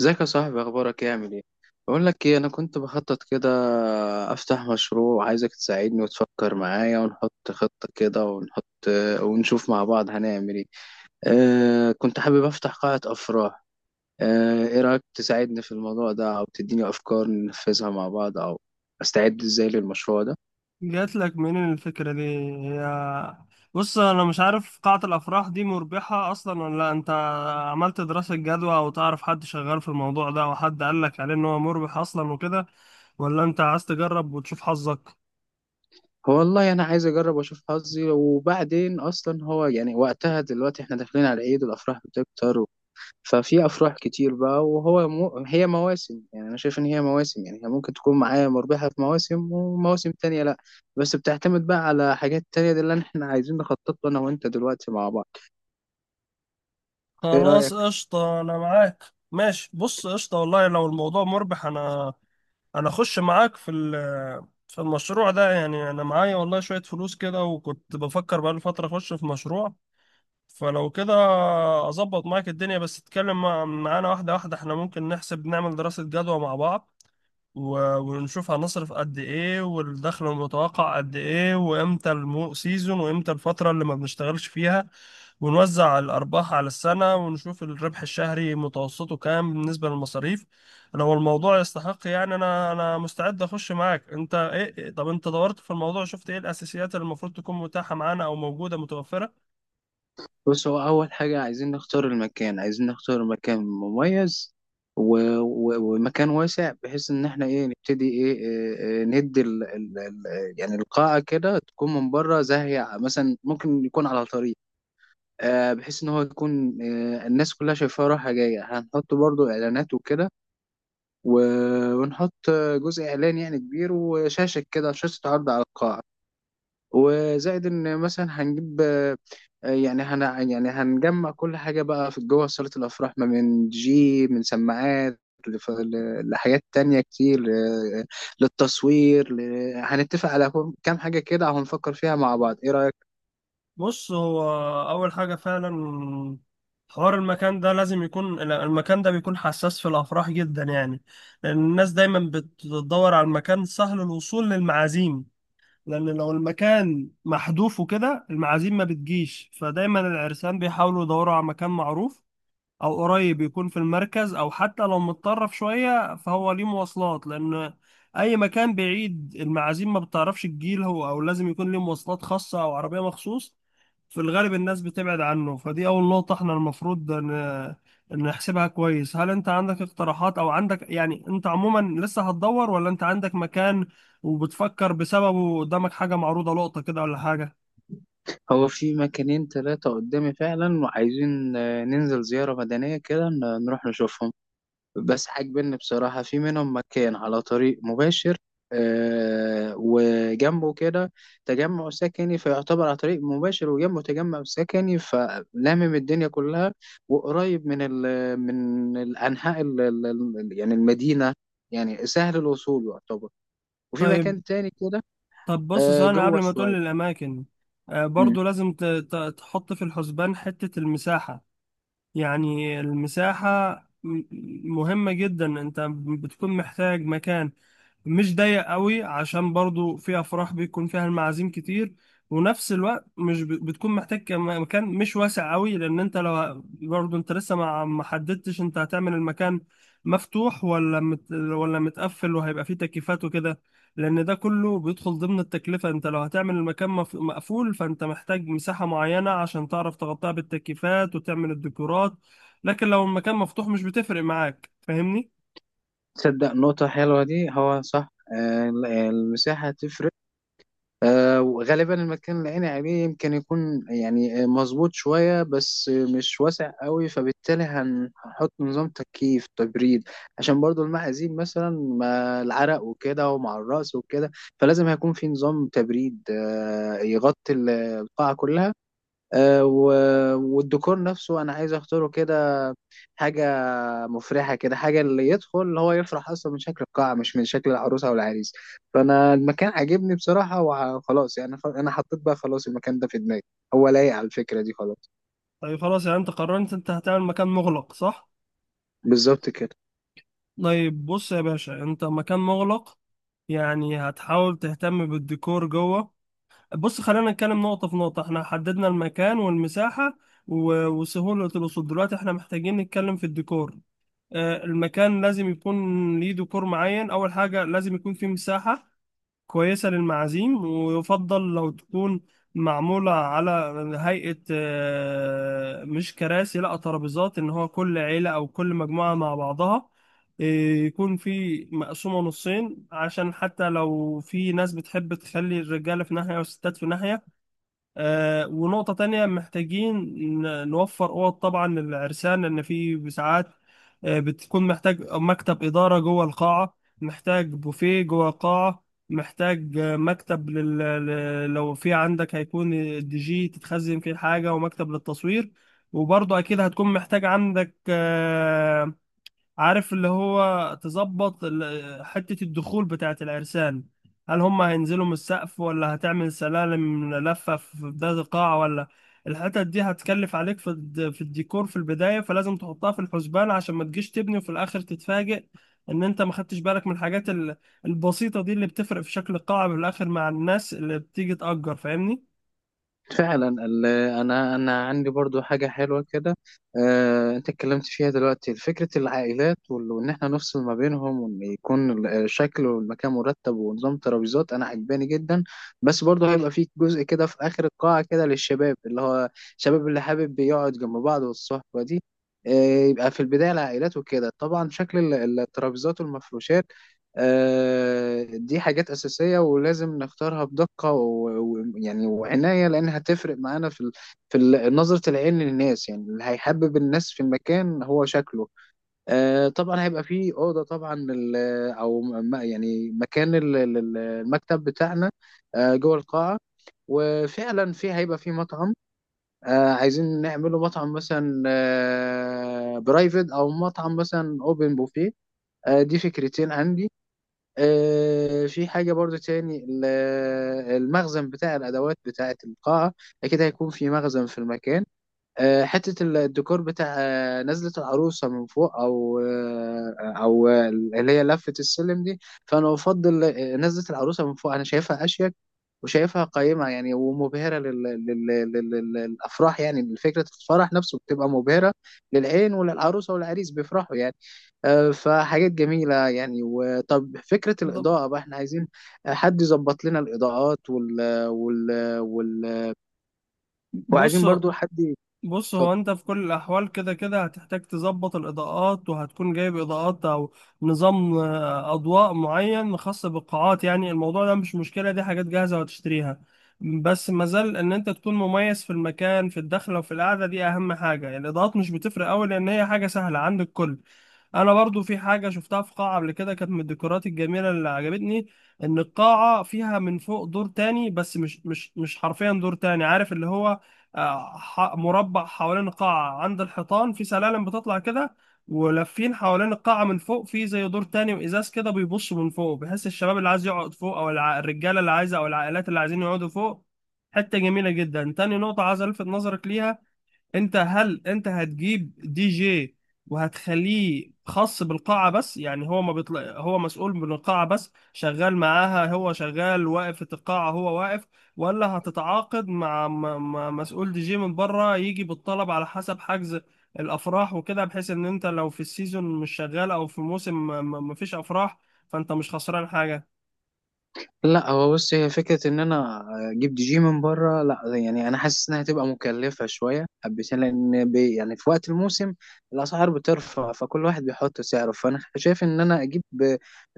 ازيك يا صاحبي، اخبارك ايه؟ عامل ايه؟ بقول لك ايه، انا كنت بخطط كده افتح مشروع. عايزك تساعدني وتفكر معايا ونحط خطة كده ونشوف مع بعض هنعمل ايه. كنت حابب افتح قاعة افراح. ايه رايك تساعدني في الموضوع ده او تديني افكار ننفذها مع بعض، او استعد ازاي للمشروع ده؟ جات لك منين الفكرة دي؟ هي بص، انا مش عارف قاعة الافراح دي مربحة اصلا ولا لا. انت عملت دراسة جدوى، او تعرف حد شغال في الموضوع ده، او حد قال لك عليه ان هو مربح اصلا وكده؟ ولا انت عايز تجرب وتشوف حظك؟ هو والله انا عايز اجرب واشوف حظي، وبعدين اصلا هو يعني وقتها دلوقتي احنا داخلين على عيد والافراح بتكتر، ففي افراح كتير بقى. هي مواسم، يعني انا شايف ان هي مواسم، يعني هي ممكن تكون معايا مربحه في مواسم، ومواسم تانية لا. بس بتعتمد بقى على حاجات تانية، دي اللي احنا عايزين نخطط له انا وانت دلوقتي مع بعض. ايه خلاص، رايك؟ قشطة، انا معاك. ماشي، بص، قشطة والله لو الموضوع مربح انا اخش معاك في المشروع ده. يعني انا معايا والله شوية فلوس كده، وكنت بفكر بقالي فترة اخش في مشروع. فلو كده اظبط معاك الدنيا. بس اتكلم معانا واحده واحده. احنا ممكن نحسب نعمل دراسه جدوى مع بعض، و- ونشوف هنصرف قد ايه، والدخل المتوقع قد ايه، وامتى سيزون، وامتى الفتره اللي ما بنشتغلش فيها. ونوزع الارباح على السنه، ونشوف الربح الشهري متوسطه كام بالنسبه للمصاريف. لو الموضوع يستحق يعني انا مستعد اخش معاك. انت ايه؟ طب انت دورت في الموضوع، شفت ايه الاساسيات اللي المفروض تكون متاحه معانا او موجوده متوفره؟ بص، هو اول حاجه عايزين نختار المكان، عايزين نختار مكان مميز و... و... ومكان واسع، بحيث ان احنا ايه نبتدي ندي يعني القاعه كده تكون من بره زاهيه، مثلا ممكن يكون على طريق، بحيث ان هو يكون، الناس كلها شايفاه رايحه جايه. هنحط برضو اعلانات وكده، ونحط جزء اعلان يعني كبير وشاشه كده، شاشه عرض على القاعه. وزائد ان مثلا هنجيب آه، آه، يعني هن يعني هنجمع كل حاجه بقى في جوه صاله الافراح، ما من دي جي، من سماعات، لحاجات تانية كتير، للتصوير، هنتفق على كام حاجة كده وهنفكر فيها مع بعض. إيه رأيك؟ بص هو أول حاجة فعلا، حوار المكان ده. لازم يكون المكان ده بيكون حساس في الأفراح جدا يعني، لأن الناس دايما بتدور على المكان سهل الوصول للمعازيم. لأن لو المكان محذوف وكده، المعازيم ما بتجيش. فدايما العرسان بيحاولوا يدوروا على مكان معروف، أو قريب، يكون في المركز، أو حتى لو متطرف شوية فهو ليه مواصلات. لأن أي مكان بعيد، المعازيم ما بتعرفش تجيله، أو لازم يكون ليه مواصلات خاصة أو عربية مخصوص، في الغالب الناس بتبعد عنه. فدي أول نقطة احنا المفروض نحسبها كويس. هل أنت عندك اقتراحات، أو عندك يعني، أنت عموما لسه هتدور، ولا أنت عندك مكان وبتفكر بسببه، قدامك حاجة معروضة لقطة كده، ولا حاجة؟ هو في مكانين ثلاثة قدامي فعلا، وعايزين ننزل زيارة مدنية كده، نروح نشوفهم. بس عاجبني بصراحة في منهم مكان على طريق مباشر، وجنبه كده تجمع سكني. فيعتبر على طريق مباشر وجنبه تجمع سكني، فلامم الدنيا كلها، وقريب من ال من الأنحاء يعني المدينة، يعني سهل الوصول يعتبر. وفي طيب. مكان تاني كده بص ثانية قبل جوه ما تقول شوية. لي الأماكن، برضو لازم تحط في الحسبان حتة المساحة. يعني المساحة م- مهمة جدا. أنت بتكون محتاج مكان مش ضيق قوي عشان برضو فيها افراح بيكون فيها المعازيم كتير. ونفس الوقت مش بتكون محتاج مكان مش واسع قوي. لان انت لو برضو انت لسه ما حددتش انت هتعمل المكان مفتوح ولا مت ولا متقفل، وهيبقى فيه تكييفات وكده. لان ده كله بيدخل ضمن التكلفة. انت لو هتعمل المكان مقفول، فانت محتاج مساحة معينة عشان تعرف تغطيها بالتكييفات وتعمل الديكورات. لكن لو المكان مفتوح مش بتفرق معاك، فاهمني؟ تصدق نقطة حلوة دي، هو صح، المساحة تفرق. وغالبا المكان اللي أنا عليه يمكن يكون يعني مظبوط شوية، بس مش واسع قوي، فبالتالي هنحط نظام تكييف تبريد، عشان برضو المعازيم مثلا ما العرق وكده ومع الرأس وكده، فلازم هيكون في نظام تبريد يغطي القاعة كلها. والديكور نفسه أنا عايز أختاره كده، حاجة مفرحة كده، حاجة اللي يدخل اللي هو يفرح أصلا من شكل القاعة، مش من شكل العروسة أو العريس. فأنا المكان عاجبني بصراحة وخلاص، يعني أنا حطيت بقى خلاص المكان ده في دماغي، هو لايق على الفكرة دي خلاص. طيب خلاص، يعني انت قررت انت هتعمل مكان مغلق، صح؟ بالظبط كده. طيب بص يا باشا، انت مكان مغلق يعني هتحاول تهتم بالديكور جوه. بص خلينا نتكلم نقطة في نقطة. احنا حددنا المكان والمساحة و- وسهولة الوصول. دلوقتي احنا محتاجين نتكلم في الديكور. المكان لازم يكون ليه ديكور معين. اول حاجة لازم يكون فيه مساحة كويسة للمعازيم، ويفضل لو تكون معمولة على هيئة، مش كراسي، لا ترابيزات، إن هو كل عيلة أو كل مجموعة مع بعضها. آه، يكون في مقسومة نصين عشان حتى لو في ناس بتحب تخلي الرجالة في ناحية والستات في ناحية. ونقطة تانية، محتاجين نوفر أوض طبعا للعرسان، لأن في ساعات بتكون محتاج مكتب إدارة جوه القاعة، محتاج بوفيه جوه القاعة، محتاج مكتب لو في عندك هيكون الدي جي تتخزن فيه الحاجة، ومكتب للتصوير. وبرضه أكيد هتكون محتاج عندك، عارف اللي هو، تظبط حتة الدخول بتاعة العرسان. هل هم هينزلوا من السقف، ولا هتعمل سلالم لفة في بداية القاعة؟ ولا الحتت دي هتكلف عليك في الديكور في البداية، فلازم تحطها في الحسبان عشان ما تجيش تبني وفي الآخر تتفاجئ إن أنت ما خدتش بالك من الحاجات البسيطة دي اللي بتفرق في شكل القاعة في الآخر مع الناس اللي بتيجي تأجر، فاهمني؟ فعلا انا عندي برضو حاجه حلوه كده، انت اتكلمت فيها دلوقتي، فكره العائلات وان احنا نفصل ما بينهم، وان يكون الشكل والمكان مرتب ونظام ترابيزات انا عجباني جدا. بس برضو هيبقى في جزء كده في اخر القاعه كده للشباب، اللي هو الشباب اللي حابب يقعد جنب بعض والصحبه دي. يبقى في البدايه العائلات وكده. طبعا شكل الترابيزات والمفروشات، دي حاجات أساسية ولازم نختارها بدقة ويعني وعناية، لأن هتفرق معانا في نظرة العين للناس، يعني اللي هيحبب الناس في المكان هو شكله. طبعا هيبقى فيه أوضة طبعا يعني مكان المكتب بتاعنا جوه القاعة. وفعلا في هيبقى في مطعم، آه عايزين نعمله مطعم مثلا آه برايفت، او مطعم مثلا اوبن بوفيه، آه دي فكرتين عندي. في حاجة برضو تاني، المخزن بتاع الأدوات بتاعة القاعة، أكيد هيكون في مخزن في المكان. حتة الديكور بتاع نزلة العروسة من فوق، أو اللي هي لفة السلم دي. فأنا أفضل نزلة العروسة من فوق، أنا شايفها أشيك وشايفها قيمة، يعني ومبهرة للأفراح، يعني فكرة الفرح نفسه بتبقى مبهرة للعين، وللعروسة والعريس بيفرحوا يعني. فحاجات جميلة يعني. وطب فكرة ده- الإضاءة بقى، احنا عايزين حد يظبط لنا الإضاءات بص وعايزين برضو حد بص يتفضل. هو انت في كل الاحوال كده كده هتحتاج تظبط الاضاءات، وهتكون جايب اضاءات او نظام، اضواء معين خاص بالقاعات. يعني الموضوع ده مش مشكلة، دي حاجات جاهزة وهتشتريها. بس مازال ان انت تكون مميز في المكان، في الدخلة وفي القعدة، دي اهم حاجة. يعني الاضاءات مش بتفرق قوي لان هي حاجة سهلة عند الكل. انا برضو في حاجة شفتها في قاعة قبل كده، كانت من الديكورات الجميلة اللي عجبتني، ان القاعة فيها من فوق دور تاني، بس مش حرفيا دور تاني. عارف اللي هو، مربع حوالين القاعة عند الحيطان، في سلالم بتطلع كده ولافين حوالين القاعة من فوق، في زي دور تاني وإزاز كده بيبص من فوق، بحيث الشباب اللي عايز يقعد فوق، أو الرجالة اللي عايزة، أو العائلات اللي عايزين يقعدوا فوق. حتة جميلة جدا. تاني نقطة عايز ألفت نظرك ليها، انت هل انت هتجيب دي جي وهتخليه خاص بالقاعة بس، يعني هو ما بيطلع، هو مسؤول من القاعة بس، شغال معاها، هو شغال واقف في القاعة، هو واقف. ولا هتتعاقد مع مع مسؤول دي جي من بره، يجي بالطلب على حسب حجز الافراح وكده، بحيث ان انت لو في السيزون مش شغال او في موسم ما فيش افراح، فانت مش خسران حاجة. لا، هو بص، هي فكرة إن أنا أجيب دي جي من بره لا، يعني أنا حاسس إنها هتبقى مكلفة شوية حبتين، لأن يعني في وقت الموسم الأسعار بترفع، فكل واحد بيحط سعره. فأنا شايف إن أنا أجيب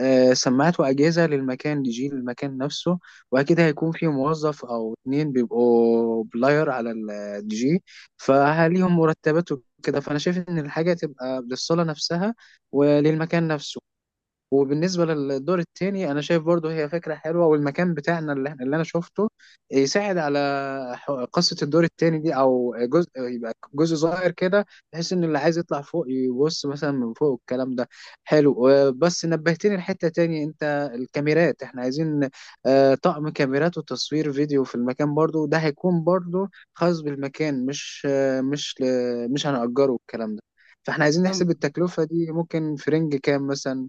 سماعات وأجهزة للمكان، دي جي للمكان نفسه، وأكيد هيكون في موظف أو اتنين بيبقوا بلاير على الدي جي، فليهم مرتبات وكده. فأنا شايف إن الحاجة تبقى للصالة نفسها وللمكان نفسه. وبالنسبة للدور التاني، أنا شايف برضو هي فكرة حلوة، والمكان بتاعنا اللي أنا شفته يساعد على قصة الدور التاني دي، أو جزء، يبقى جزء صغير كده، بحيث إن اللي عايز يطلع فوق يبص مثلا من فوق. الكلام ده حلو. بس نبهتني لحتة تاني أنت، الكاميرات إحنا عايزين طقم كاميرات وتصوير فيديو في المكان، برضو ده هيكون برضو خاص بالمكان، مش آه، مش ل- مش هنأجره الكلام ده. فاحنا عايزين نحسب التكلفة دي ممكن في رينج كام مثلا.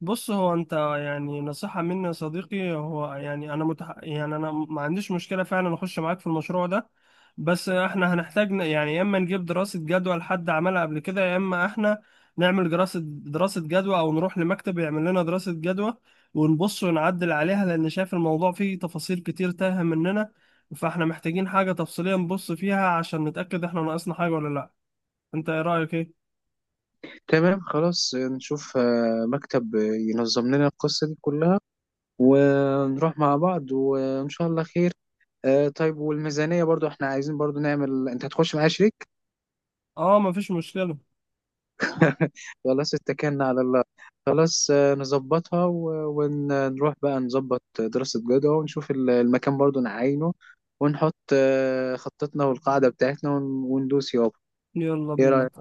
بص هو انت، يعني نصيحة مني يا صديقي، هو يعني انا يعني انا ما عنديش مشكلة فعلا اخش معاك في المشروع ده. بس احنا هنحتاج يعني يا اما نجيب دراسة جدوى لحد عملها قبل كده، يا اما احنا نعمل دراسة جدوى، او نروح لمكتب يعمل لنا دراسة جدوى ونبص ونعدل عليها، لان شايف الموضوع فيه تفاصيل كتير تاهة مننا. فاحنا محتاجين حاجة تفصيلية نبص فيها عشان نتأكد احنا ناقصنا حاجة ولا لا. انت ايه رأيك ايه؟ تمام، خلاص نشوف مكتب ينظم لنا القصة دي كلها، ونروح مع بعض وإن شاء الله خير. طيب والميزانية برضو احنا عايزين برضو نعمل، انت هتخش معايا شريك. اه، مفيش مشكلة. خلاص، اتكلنا على الله. خلاص نظبطها، ونروح بقى نظبط دراسة جدوى، ونشوف المكان برضو نعينه، ونحط خطتنا والقاعدة بتاعتنا، وندوس يابا. يلا ايه بينا. رأيك؟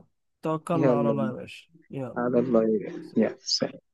توكلنا على يلا الله يا بينا. باشا، يلا. على الله. يا سلام.